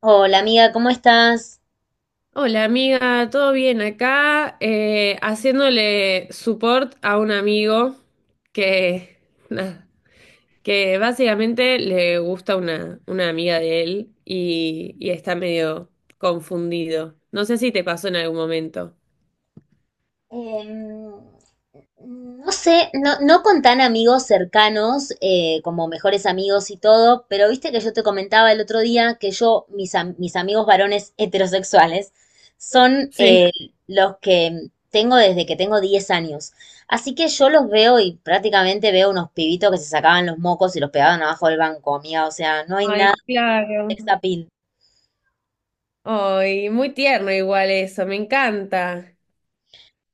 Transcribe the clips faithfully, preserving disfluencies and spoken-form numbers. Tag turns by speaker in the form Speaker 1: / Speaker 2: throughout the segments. Speaker 1: Hola amiga, ¿cómo estás?
Speaker 2: Hola amiga, ¿todo bien acá? Eh, haciéndole support a un amigo que, nada, que básicamente le gusta una, una amiga de él y, y está medio confundido. No sé si te pasó en algún momento.
Speaker 1: Em, no sé, no, no con tan amigos cercanos eh, como mejores amigos y todo, pero viste que yo te comentaba el otro día que yo, mis, am- mis amigos varones heterosexuales son
Speaker 2: Sí.
Speaker 1: eh, los que tengo desde que tengo diez años. Así que yo los veo y prácticamente veo unos pibitos que se sacaban los mocos y los pegaban abajo del banco, amiga. O sea, no hay nada
Speaker 2: Ay,
Speaker 1: de
Speaker 2: claro.
Speaker 1: sex appeal.
Speaker 2: Ay, muy tierno igual eso, me encanta.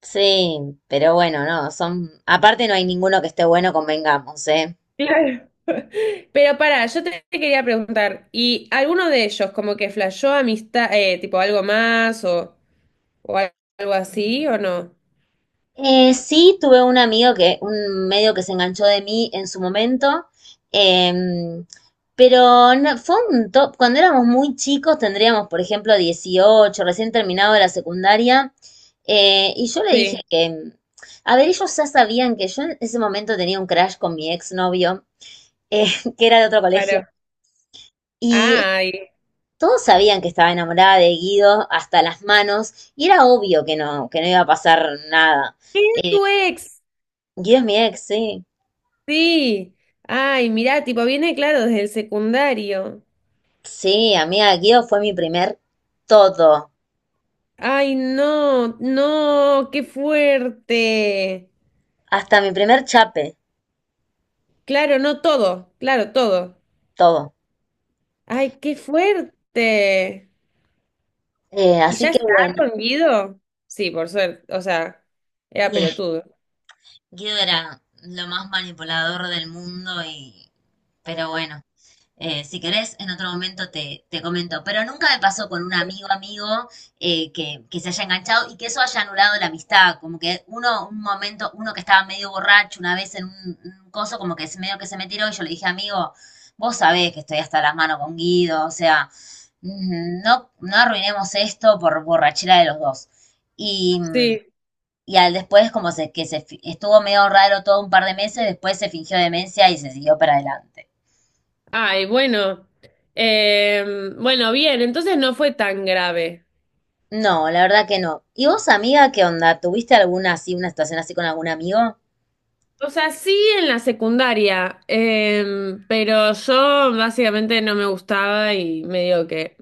Speaker 1: Sí, pero bueno, no, son, aparte no hay ninguno que esté bueno, convengamos, ¿eh?
Speaker 2: Claro. Pero para, yo te te quería preguntar, ¿y alguno de ellos como que flashó amistad, eh, tipo algo más o, o al- algo así o no?
Speaker 1: Eh, sí, tuve un amigo que, un medio que se enganchó de mí en su momento, em, pero no- fue un top, cuando éramos muy chicos, tendríamos, por ejemplo, dieciocho, recién terminado de la secundaria, eh, y yo le dije
Speaker 2: Sí,
Speaker 1: que, a ver, ellos ya sabían que yo en ese momento tenía un crash con mi exnovio, eh, que era de otro colegio.
Speaker 2: claro.
Speaker 1: Y
Speaker 2: Ay,
Speaker 1: todos sabían que estaba enamorada de Guido hasta las manos y era obvio que no, que no iba a pasar nada.
Speaker 2: es
Speaker 1: Eh,
Speaker 2: tu ex,
Speaker 1: Guido es mi ex, sí.
Speaker 2: sí. Ay, mirá, tipo viene claro desde el secundario.
Speaker 1: Sí, amiga, Guido fue mi primer todo,
Speaker 2: Ay, no, no, qué fuerte.
Speaker 1: hasta mi primer chape,
Speaker 2: Claro, no todo, claro, todo.
Speaker 1: todo.
Speaker 2: Ay, qué fuerte.
Speaker 1: Eh,
Speaker 2: ¿Y ya
Speaker 1: así que
Speaker 2: está
Speaker 1: bueno,
Speaker 2: con Guido? Sí, por suerte. O sea, era
Speaker 1: y
Speaker 2: pelotudo.
Speaker 1: Guido era lo más manipulador del mundo y, pero bueno. Eh, si querés, en otro momento te, te comento. Pero nunca me pasó con un amigo amigo eh, que, que se haya enganchado y que eso haya anulado la amistad. Como que uno, un momento, uno que estaba medio borracho una vez en un, un coso, como que se- medio que se me tiró y yo le dije, amigo, vos sabés que estoy hasta las manos con Guido, o sea, mm, no, no arruinemos esto por borrachera de los dos. Y, mm,
Speaker 2: Sí.
Speaker 1: y al después, como se, que se fi- estuvo medio raro todo un par de meses, después se fingió demencia y se siguió para adelante.
Speaker 2: Ay, bueno. Em, bueno, bien, entonces no fue tan grave.
Speaker 1: No, la verdad que no. ¿Y vos, amiga, qué onda? ¿Tuviste alguna así, una situación así con algún amigo?
Speaker 2: O sea, sí en la secundaria, em, pero yo básicamente no me gustaba y medio que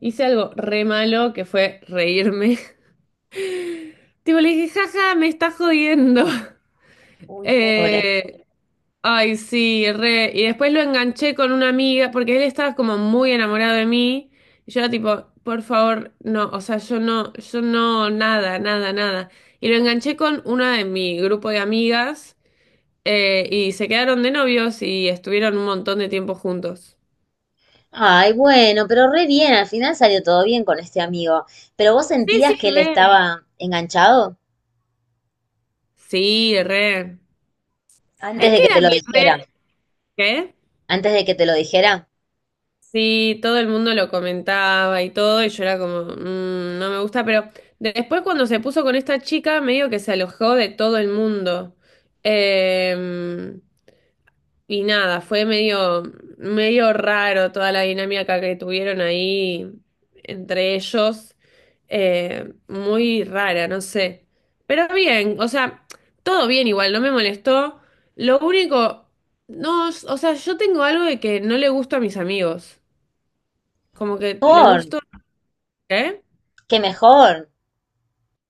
Speaker 2: hice algo re malo que fue reírme. Tipo, le dije, jaja, me está jodiendo.
Speaker 1: Uy, pobre. Pobre.
Speaker 2: Eh, Ay, sí, re. Y después lo enganché con una amiga, porque él estaba como muy enamorado de mí. Y yo era tipo, por favor, no, o sea, yo no, yo no, nada, nada, nada. Y lo enganché con una de mi grupo de amigas, eh, y se quedaron de novios y estuvieron un montón de tiempo juntos.
Speaker 1: Ay, bueno, pero re bien, al final salió todo bien con este amigo. ¿Pero vos
Speaker 2: Sí, sí,
Speaker 1: sentías que él
Speaker 2: re.
Speaker 1: estaba enganchado
Speaker 2: Sí, re. Es
Speaker 1: antes de
Speaker 2: que
Speaker 1: que te
Speaker 2: era
Speaker 1: lo
Speaker 2: mi
Speaker 1: dijera?
Speaker 2: re. ¿Qué?
Speaker 1: Antes de que te lo dijera.
Speaker 2: Sí, todo el mundo lo comentaba y todo, y yo era como, "Mm, no me gusta, pero de- después cuando se puso con esta chica, medio que se alojó de todo el mundo. Eh, y nada, fue medio, medio raro toda la dinámica que tuvieron ahí entre ellos. Eh, muy rara, no sé. Pero bien, o sea, todo bien igual, no me molestó. Lo único, no, o sea, yo tengo algo de que no le gusta a mis amigos. Como que le
Speaker 1: Mejor,
Speaker 2: gusto, ¿eh?
Speaker 1: qué mejor.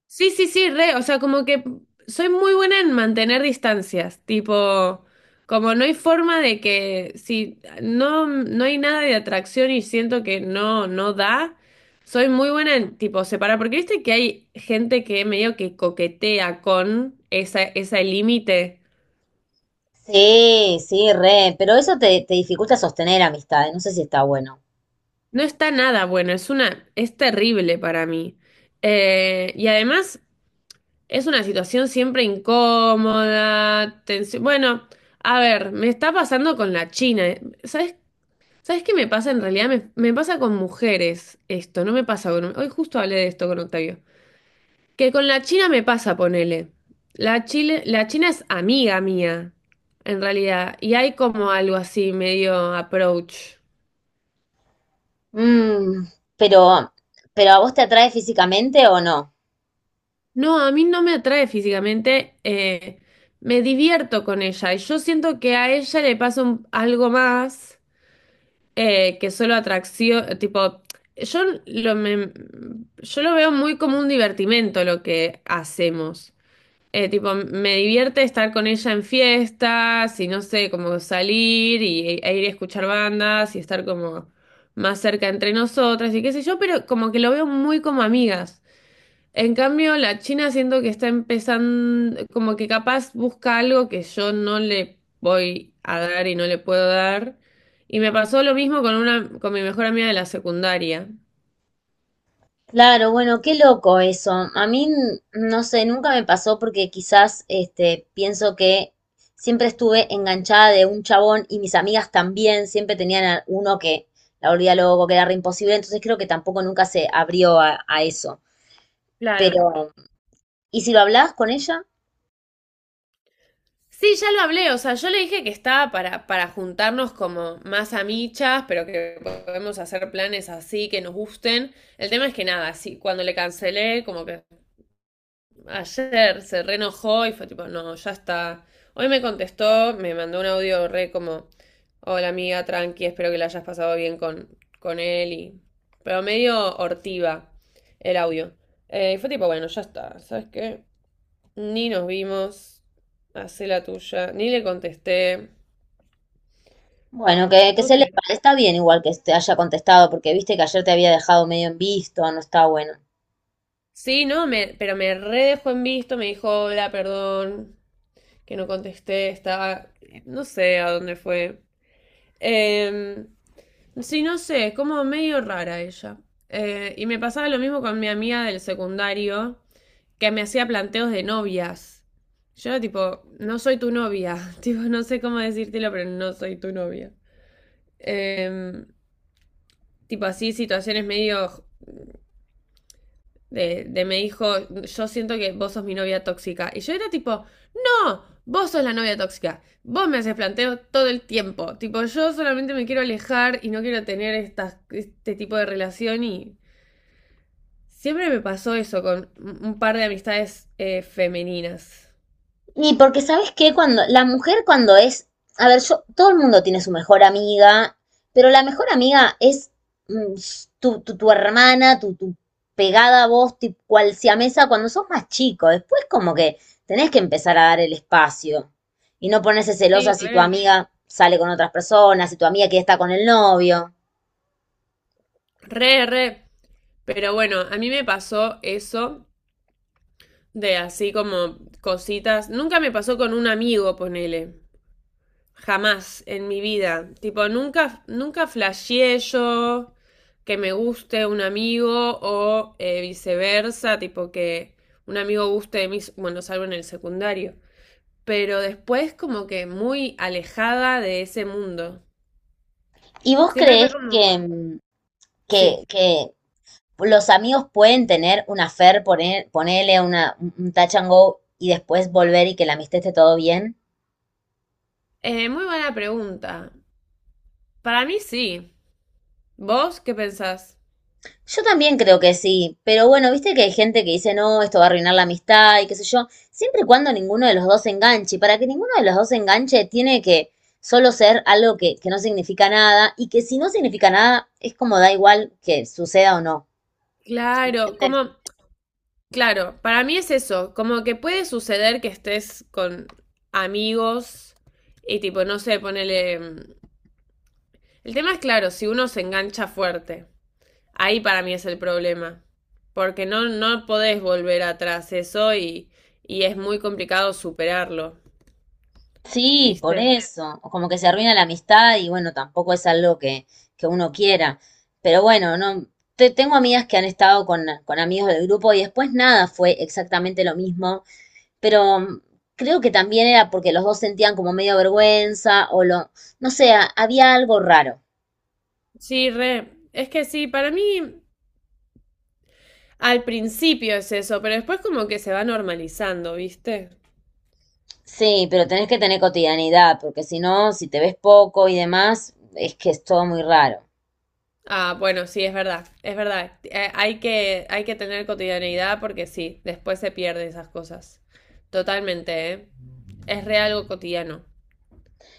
Speaker 2: Sí, sí, sí, re, o sea, como que soy muy buena en mantener distancias, tipo, como no hay forma de que si no, no hay nada de atracción y siento que no, no da, soy muy buena en tipo separar, porque viste que hay gente que medio que coquetea con esa, ese límite.
Speaker 1: Sí, sí, re, pero eso te, te dificulta sostener amistades, no sé si está bueno.
Speaker 2: No está nada bueno, es una, es terrible para mí. Eh, y además. Es una situación siempre incómoda, tensión. Bueno, a ver, me está pasando con la China. eh. ¿Sabes, sabes qué me pasa en realidad? Me, me pasa con mujeres esto, no me pasa con... Hoy justo hablé de esto con Octavio. Que con la China me pasa, ponele. La Chile, la China es amiga mía, en realidad. Y hay como algo así, medio approach.
Speaker 1: Mm, pero, pero ¿a vos te atrae físicamente o no?
Speaker 2: No, a mí no me atrae físicamente. Eh, me divierto con ella. Y yo siento que a ella le pasa un- algo más. Eh, que solo atracción, tipo, yo lo, me- yo lo veo muy como un divertimento lo que hacemos. Eh, tipo, me divierte estar con ella en fiestas y no sé, como salir y, e e ir a escuchar bandas y estar como más cerca entre nosotras y qué sé yo, pero como que lo veo muy como amigas. En cambio, la China siento que está empezando, como que capaz busca algo que yo no le voy a dar y no le puedo dar. Y me pasó lo mismo con una, con mi mejor amiga de la secundaria.
Speaker 1: Claro, bueno, qué loco eso. A mí, n- no sé, nunca me pasó porque quizás, este, pienso que siempre estuve enganchada de un chabón y mis amigas también siempre tenían a uno que la volvía loco, que era re imposible, entonces creo que tampoco nunca se abrió a, a eso.
Speaker 2: Claro.
Speaker 1: Pero, ¿y si lo hablás con ella?
Speaker 2: Sí, ya lo hablé, o sea, yo le dije que estaba para, para juntarnos como más amichas, pero que podemos hacer planes así, que nos gusten. El tema es que nada, sí, cuando le cancelé, como que ayer se reenojó y fue tipo, no, ya está. Hoy me contestó, me mandó un audio re como, hola amiga, tranqui, espero que la hayas pasado bien con, con él y... Pero medio hortiva el audio. Eh, y fue tipo, bueno, ya está, ¿sabes qué? Ni nos vimos, hacé la tuya, ni le contesté,
Speaker 1: Bueno, que, que
Speaker 2: no
Speaker 1: se le
Speaker 2: sé.
Speaker 1: está bien igual que te haya contestado, porque viste que ayer te había dejado medio en visto, no está bueno.
Speaker 2: Sí, no, me, pero me re dejó en visto, me dijo, hola, perdón, que no contesté, estaba, no sé a dónde fue. Em, Sí, no sé, es como medio rara ella. Eh, y me pasaba lo mismo con mi amiga del secundario, que me hacía planteos de novias. Yo era tipo, no soy tu novia. Tipo, no sé cómo decírtelo, pero no soy tu novia. Em, Tipo así, situaciones medio de, de me dijo, yo siento que vos sos mi novia tóxica. Y yo era tipo, no, vos sos la novia tóxica. Vos me haces planteo todo el tiempo. Tipo, yo solamente me quiero alejar y no quiero tener estas- este tipo de relación y siempre me pasó eso con un par de amistades eh, femeninas.
Speaker 1: Y porque sabes que cuando la mujer cuando es, a ver, yo, todo el mundo tiene su mejor amiga, pero la mejor amiga es mm, tu, tu, tu hermana, tu, tu pegada a vos, tipo, cual siamesa, cuando sos más chico. Después como que tenés que empezar a dar el espacio y no ponerse celosa
Speaker 2: Sí,
Speaker 1: si tu
Speaker 2: re.
Speaker 1: amiga sale con otras personas, si tu amiga que está con el novio.
Speaker 2: Re, re. Pero bueno, a mí me pasó eso de así como cositas. Nunca me pasó con un amigo, ponele. Jamás en mi vida. Tipo, nunca, nunca flasheé yo que me guste un amigo o eh, viceversa, tipo que un amigo guste de mí, bueno, salvo en el secundario. Pero después como que muy alejada de ese mundo.
Speaker 1: ¿Y vos
Speaker 2: Siempre fue
Speaker 1: crees que,
Speaker 2: como...
Speaker 1: mm, que,
Speaker 2: Sí.
Speaker 1: que los amigos pueden tener una affair, poner, ponerle una, un touch and go y después volver y que la amistad esté todo bien?
Speaker 2: Eh, muy buena pregunta. Para mí sí. ¿Vos qué pensás?
Speaker 1: Yo también creo que sí, pero bueno, viste que hay gente que dice, no, esto va a arruinar la amistad y qué sé yo, siempre y cuando ninguno de los dos se enganche, y para que ninguno de los dos se enganche tiene que solo ser algo que, que no significa nada y que si no significa nada es como da igual que suceda o no.
Speaker 2: Claro, como... Claro, para mí es eso. Como que puede suceder que estés con amigos y tipo, no sé, ponele... mm, el tema es claro, si uno se engancha fuerte. Ahí para mí es el problema. Porque no, no podés volver atrás eso y, y es muy complicado superarlo,
Speaker 1: Sí,
Speaker 2: ¿viste?
Speaker 1: por eso, o como que se arruina la amistad y bueno, tampoco es algo que, que uno quiera. Pero bueno, no, te- tengo amigas que han estado con, con amigos del grupo y después nada fue exactamente lo mismo, pero mm, creo que también era porque los dos sentían como medio vergüenza o lo, no sé, a- había algo raro.
Speaker 2: Sí, re. Es que sí, para mí al principio es eso, pero después como que se va normalizando, ¿viste?
Speaker 1: Sí, pero tenés que tener cotidianidad, porque si no, si te ves poco y demás, es que es todo muy raro.
Speaker 2: Ah, bueno, sí, es verdad, es verdad. Eh, hay que, hay que tener cotidianeidad porque sí, después se pierden esas cosas. Totalmente, ¿eh? Es re algo cotidiano.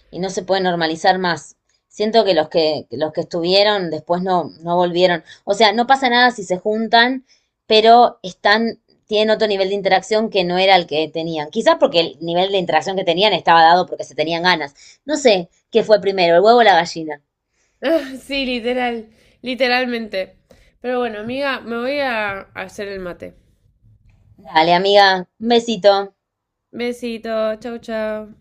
Speaker 1: Y no se puede normalizar más. Siento que los que, los que estuvieron después no, no volvieron. O sea, no pasa nada si se juntan, pero están, tienen otro nivel de interacción que no era el que tenían. Quizás porque el nivel de interacción que tenían estaba dado porque se tenían ganas. No sé qué fue primero, el huevo o la gallina.
Speaker 2: Ah, sí, literal, literalmente. Pero bueno, amiga, me voy a hacer el mate.
Speaker 1: Dale, amiga, un besito.
Speaker 2: Besito, chau, chau.